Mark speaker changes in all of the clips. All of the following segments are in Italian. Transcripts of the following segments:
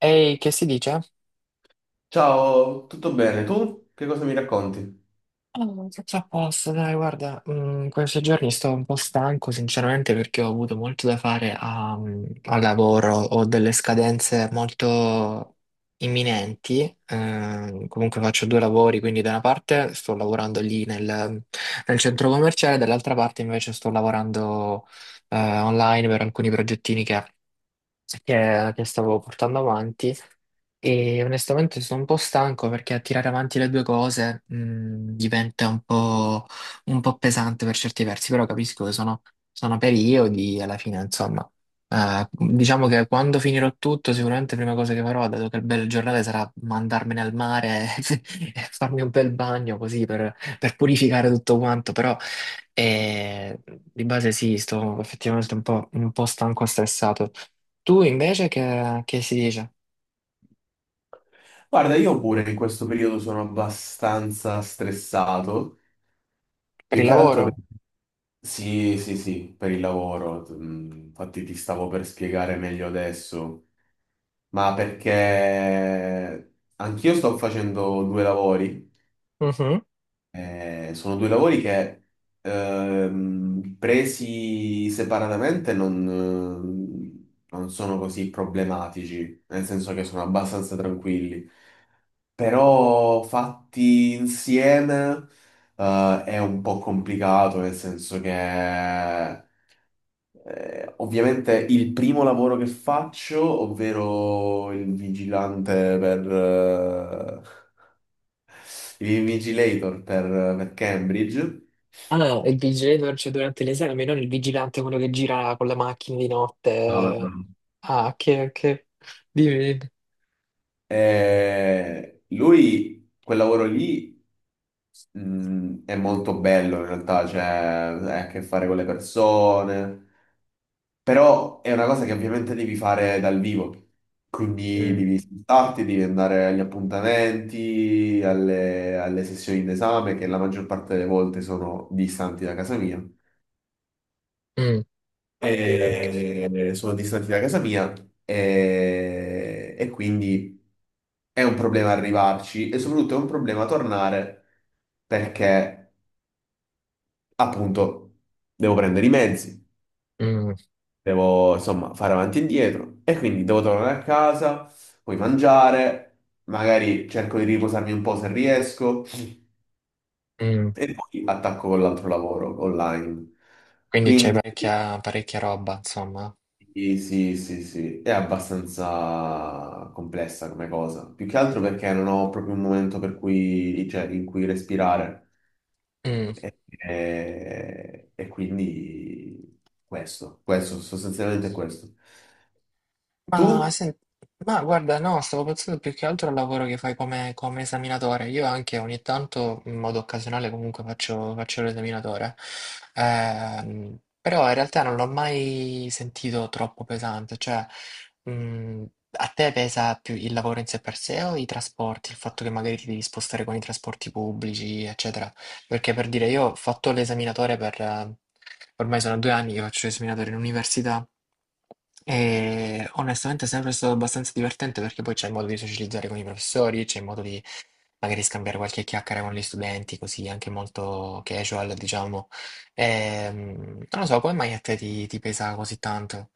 Speaker 1: Ehi, che si dice?
Speaker 2: Ciao, tutto bene? Tu che cosa mi racconti?
Speaker 1: Oh, tutto a posto, dai, guarda, questi giorni sto un po' stanco, sinceramente, perché ho avuto molto da fare al lavoro, ho delle scadenze molto imminenti. Comunque faccio due lavori, quindi da una parte sto lavorando lì nel centro commerciale, dall'altra parte invece sto lavorando online per alcuni progettini che stavo portando avanti, e onestamente sono un po' stanco perché tirare avanti le due cose diventa un po' pesante per certi versi. Però capisco che sono periodi e, alla fine, insomma, diciamo che quando finirò tutto, sicuramente la prima cosa che farò, dato che il bel giornale, sarà mandarmene al mare e farmi un bel bagno così per purificare tutto quanto, però... E di base sì, sto effettivamente un po' stanco e stressato. Tu invece che si dice?
Speaker 2: Guarda, io pure in questo periodo sono abbastanza stressato,
Speaker 1: Per
Speaker 2: più
Speaker 1: il
Speaker 2: che altro per...
Speaker 1: lavoro?
Speaker 2: Sì, sì, sì, per il lavoro. Infatti ti stavo per spiegare meglio adesso, ma perché anch'io sto facendo due lavori.
Speaker 1: Mhm.
Speaker 2: Sono due lavori che presi separatamente non sono così problematici, nel senso che sono abbastanza tranquilli. Però fatti insieme è un po' complicato, nel senso che ovviamente il primo lavoro che faccio, ovvero il vigilante per il vigilator per Cambridge.
Speaker 1: Ah, il vigile, cioè, durante l'esame, non il vigilante, quello che gira con la macchina di
Speaker 2: No, no.
Speaker 1: notte. Ah, che... Dimmi.
Speaker 2: Lui quel lavoro lì è molto bello in realtà, cioè ha a che fare con le persone. Però è una cosa che ovviamente devi fare dal vivo, quindi
Speaker 1: Dimmi. Mm.
Speaker 2: devi spostarti, devi andare agli appuntamenti, alle sessioni d'esame, che la maggior parte delle volte sono distanti da casa mia.
Speaker 1: Mm, ok.
Speaker 2: Sono distanti da casa mia e quindi è un problema arrivarci e soprattutto è un problema tornare perché appunto devo prendere i mezzi.
Speaker 1: mm,
Speaker 2: Devo insomma fare avanti e indietro e quindi devo tornare a casa, poi mangiare, magari cerco di riposarmi un po' se riesco
Speaker 1: mm,
Speaker 2: e poi attacco con l'altro lavoro online.
Speaker 1: Quindi c'è
Speaker 2: Quindi
Speaker 1: parecchia, parecchia roba, insomma.
Speaker 2: sì, sì, sì, sì, è abbastanza complessa come cosa, più che altro perché non ho proprio un momento per cui, cioè, in cui respirare.
Speaker 1: Mm.
Speaker 2: E quindi questo, sostanzialmente questo.
Speaker 1: Ma,
Speaker 2: Tu?
Speaker 1: sen- ma guarda, no, stavo pensando più che altro al lavoro che fai come, come esaminatore. Io anche ogni tanto, in modo occasionale, comunque faccio l'esaminatore. Però in realtà non l'ho mai sentito troppo pesante. Cioè, mh, a te pesa più il lavoro in sé per sé o i trasporti? Il fatto che magari ti devi spostare con i trasporti pubblici, eccetera. Perché, per dire, io ho fatto l'esaminatore per... Ormai sono 2 anni che faccio l'esaminatore in università. E onestamente è sempre stato abbastanza divertente perché poi c'è il modo di socializzare con i professori, c'è il modo di magari scambiare qualche chiacchiera con gli studenti, così anche molto casual, diciamo. Ehm, Non lo so, come mai a te ti pesa così tanto?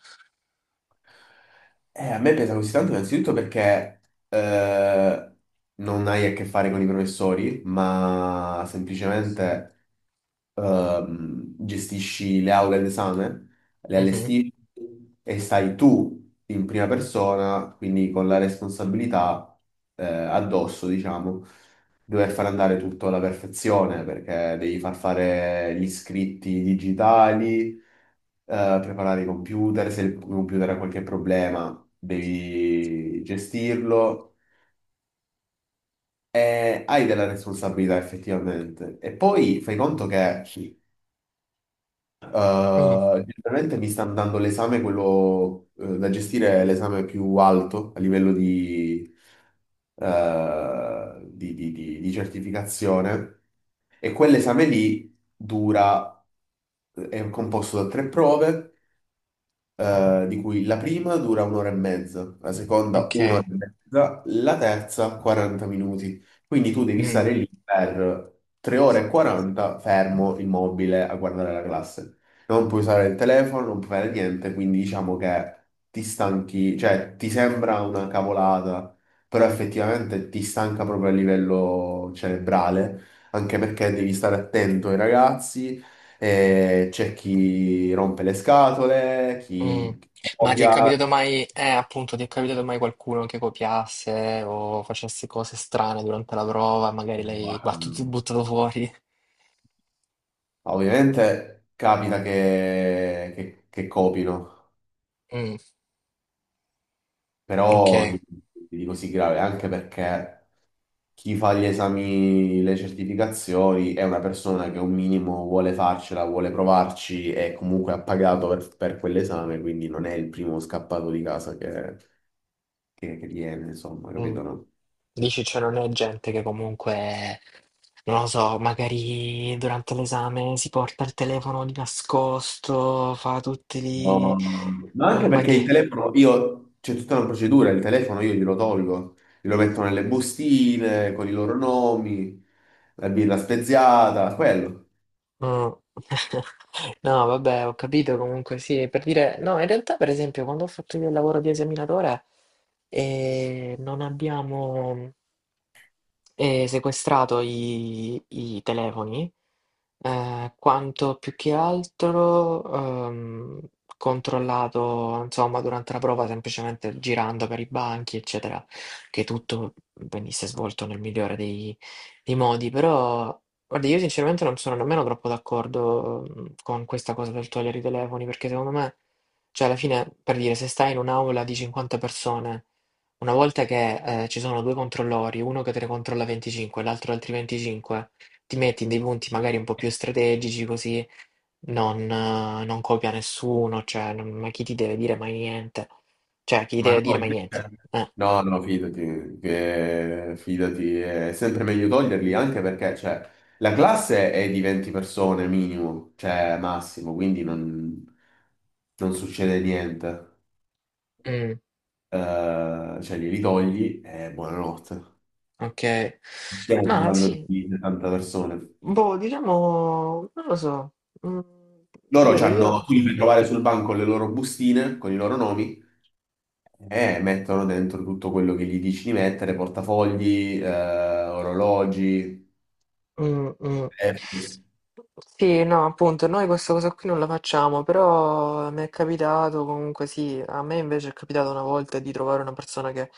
Speaker 2: A me pesa così tanto innanzitutto perché eh, non hai a che fare con i professori, ma semplicemente gestisci le aule d'esame, le
Speaker 1: Mhm.
Speaker 2: allestisci e stai tu in prima persona, quindi con la responsabilità addosso, diciamo, di dover far andare tutto alla perfezione perché devi far fare gli scritti digitali, preparare i computer, se il computer ha qualche problema devi gestirlo e hai della responsabilità effettivamente. E poi fai conto che
Speaker 1: Mm,
Speaker 2: generalmente mi stanno dando l'esame, quello da gestire è l'esame più alto a livello di certificazione e quell'esame lì dura, è composto da tre prove. Di cui la prima dura un'ora e mezza, la seconda
Speaker 1: ok.
Speaker 2: un'ora e mezza, la terza 40 minuti. Quindi tu devi
Speaker 1: Mm.
Speaker 2: stare lì per 3 ore e 40 fermo, immobile, a guardare la classe. Non puoi usare il telefono, non puoi fare niente, quindi diciamo che ti stanchi, cioè ti sembra una cavolata, però effettivamente ti stanca proprio a livello cerebrale, anche perché devi stare attento ai ragazzi, c'è chi rompe le scatole,
Speaker 1: Mm.
Speaker 2: chi
Speaker 1: Ma ti è
Speaker 2: copia.
Speaker 1: capitato mai, appunto, ti è capitato mai qualcuno che copiasse o facesse cose strane durante la prova, magari l'hai battuto, buttato fuori?
Speaker 2: Ovviamente capita che copino,
Speaker 1: Mm, ok.
Speaker 2: però di così grave, anche perché chi fa gli esami, le certificazioni è una persona che un minimo vuole farcela, vuole provarci e comunque ha pagato per quell'esame, quindi non è il primo scappato di casa che viene, insomma,
Speaker 1: Mm.
Speaker 2: capito, no?
Speaker 1: Dici, cioè, non è gente che comunque, non lo so, magari durante l'esame si porta il telefono di nascosto, fa tutti
Speaker 2: No, no,
Speaker 1: lì...
Speaker 2: no. Ma
Speaker 1: No,
Speaker 2: anche
Speaker 1: ma
Speaker 2: perché il
Speaker 1: che...
Speaker 2: telefono, io, c'è tutta una procedura, il telefono io glielo tolgo, glielo metto nelle bustine con i loro nomi, la birra speziata, quello.
Speaker 1: Mm. No, vabbè, ho capito comunque, sì, per dire... No, in realtà, per esempio, quando ho fatto io il lavoro di esaminatore, non abbiamo... e sequestrato i telefoni, quanto più che altro ehm, controllato, insomma, durante la prova, semplicemente girando per i banchi, eccetera, che tutto venisse svolto nel migliore dei modi. Però, guarda, io sinceramente non sono nemmeno troppo d'accordo con questa cosa del togliere i telefoni, perché secondo me, cioè, alla fine, per dire, se stai in un'aula di 50 persone, una volta che ci sono 2 controllori, uno che te ne controlla 25 e l'altro altri 25, ti metti in dei punti magari un po' più strategici così non non copia nessuno. Cioè non, ma chi ti deve dire mai niente? Cioè chi ti
Speaker 2: Ma
Speaker 1: deve
Speaker 2: no,
Speaker 1: dire mai niente?
Speaker 2: no, no, fidati, fidati, è sempre meglio toglierli anche perché, cioè, la classe è di 20 persone minimo, cioè massimo, quindi non succede niente.
Speaker 1: Mh,
Speaker 2: Cioè, glieli togli e buonanotte.
Speaker 1: okay.
Speaker 2: Stiamo
Speaker 1: Ma
Speaker 2: parlando
Speaker 1: sì,
Speaker 2: di 70 persone.
Speaker 1: boh, diciamo non lo so. Mhmm,
Speaker 2: Loro
Speaker 1: Ripeto
Speaker 2: c'hanno,
Speaker 1: io.
Speaker 2: tu li fai trovare sul banco con le loro bustine, con i loro nomi, e mettono dentro tutto quello che gli dici di mettere, portafogli, orologi.
Speaker 1: mh, mh.
Speaker 2: Eh,
Speaker 1: Sì, no, appunto, noi questa cosa qui non la facciamo, però mi è capitato comunque, sì, a me invece è capitato una volta di trovare una persona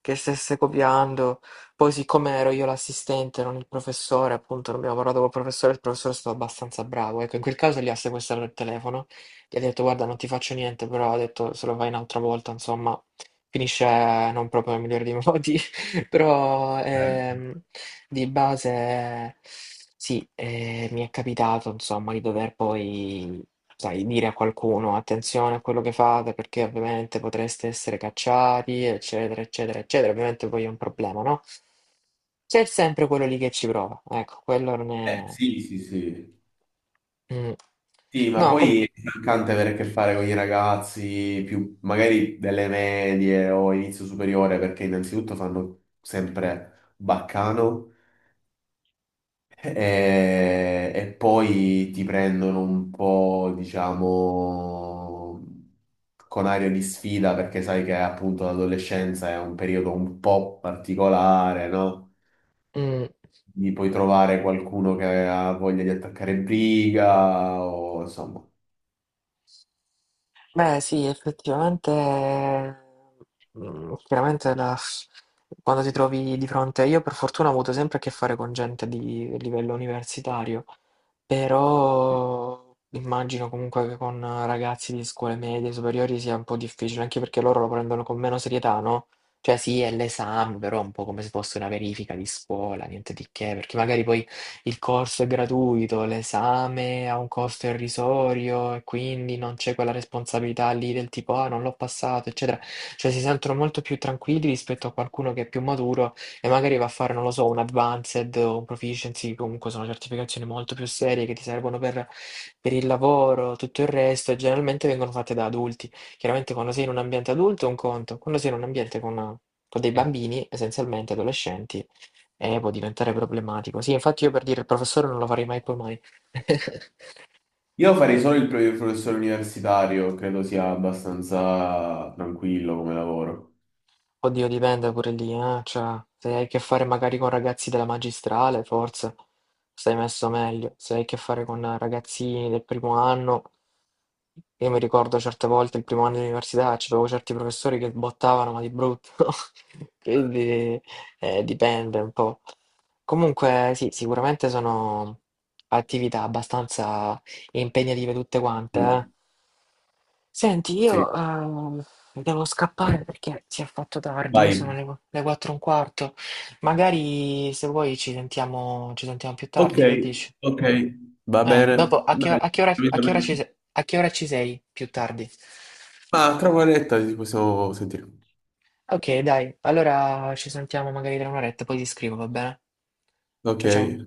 Speaker 1: che stesse copiando. Poi, siccome ero io l'assistente, non il professore, appunto, non abbiamo parlato col professore, il professore è stato abbastanza bravo, ecco, in quel caso gli ha sequestrato il telefono, gli ha detto guarda non ti faccio niente, però ha detto se lo fai un'altra volta, insomma, finisce non proprio nel migliore dei modi. Però di base sì, mi è capitato insomma di dover poi, sai, dire a qualcuno attenzione a quello che fate perché ovviamente potreste essere cacciati, eccetera, eccetera, eccetera. Ovviamente poi è un problema, no? C'è sempre quello lì che ci prova, ecco, quello non è...
Speaker 2: sì, sì, sì.
Speaker 1: Mm.
Speaker 2: Sì, ma
Speaker 1: No,
Speaker 2: poi è stancante avere a che fare con i ragazzi più magari delle medie o inizio superiore, perché innanzitutto fanno sempre baccano. E poi ti prendono un po', diciamo, con aria di sfida perché sai che appunto l'adolescenza è un periodo un po' particolare, no?
Speaker 1: mm.
Speaker 2: Quindi puoi trovare qualcuno che ha voglia di attaccare briga o insomma.
Speaker 1: Beh, sì, effettivamente, chiaramente quando ti trovi di fronte, io per fortuna ho avuto sempre a che fare con gente di livello universitario, però immagino comunque che con ragazzi di scuole medie, superiori sia un po' difficile, anche perché loro lo prendono con meno serietà, no? Cioè sì, è l'esame, però è un po' come se fosse una verifica di scuola, niente di che, perché magari poi il corso è gratuito, l'esame ha un costo irrisorio e quindi non c'è quella responsabilità lì del tipo ah non l'ho passato, eccetera. Cioè si sentono molto più tranquilli rispetto a qualcuno che è più maturo e magari va a fare, non lo so, un advanced o un proficiency, comunque sono certificazioni molto più serie che ti servono per il lavoro, tutto il resto, e generalmente vengono fatte da adulti. Chiaramente quando sei in un ambiente adulto è un conto, quando sei in un ambiente con dei
Speaker 2: Eh,
Speaker 1: bambini, essenzialmente adolescenti, può diventare problematico. Sì, infatti io per dire il professore non lo farei mai poi mai.
Speaker 2: Io farei solo il professore universitario, credo sia abbastanza tranquillo come lavoro.
Speaker 1: Oddio, dipende pure lì, eh. Cioè, se hai a che fare magari con ragazzi della magistrale, forse stai messo meglio. Se hai a che fare con ragazzini del primo anno, io mi ricordo certe volte il primo anno di università, c'avevo certi professori che bottavano, ma di brutto. Quindi dipende un po'. Comunque, sì, sicuramente sono attività abbastanza impegnative tutte quante, eh.
Speaker 2: Mm,
Speaker 1: Senti,
Speaker 2: sì,
Speaker 1: io devo scappare perché si è fatto tardi, sono
Speaker 2: vai.
Speaker 1: le 4 e un quarto. Magari se vuoi ci sentiamo più
Speaker 2: Ok,
Speaker 1: tardi, che dici?
Speaker 2: ok, va
Speaker 1: Dopo,
Speaker 2: bene. Dai,
Speaker 1: a
Speaker 2: capito
Speaker 1: che ora ci,
Speaker 2: bene.
Speaker 1: se- a che ora ci sei più tardi?
Speaker 2: Ma tra un'oretta ci possiamo sentire.
Speaker 1: Ok, dai, allora ci sentiamo magari tra un'oretta, poi ti scrivo, va bene?
Speaker 2: Ok.
Speaker 1: Ciao ciao.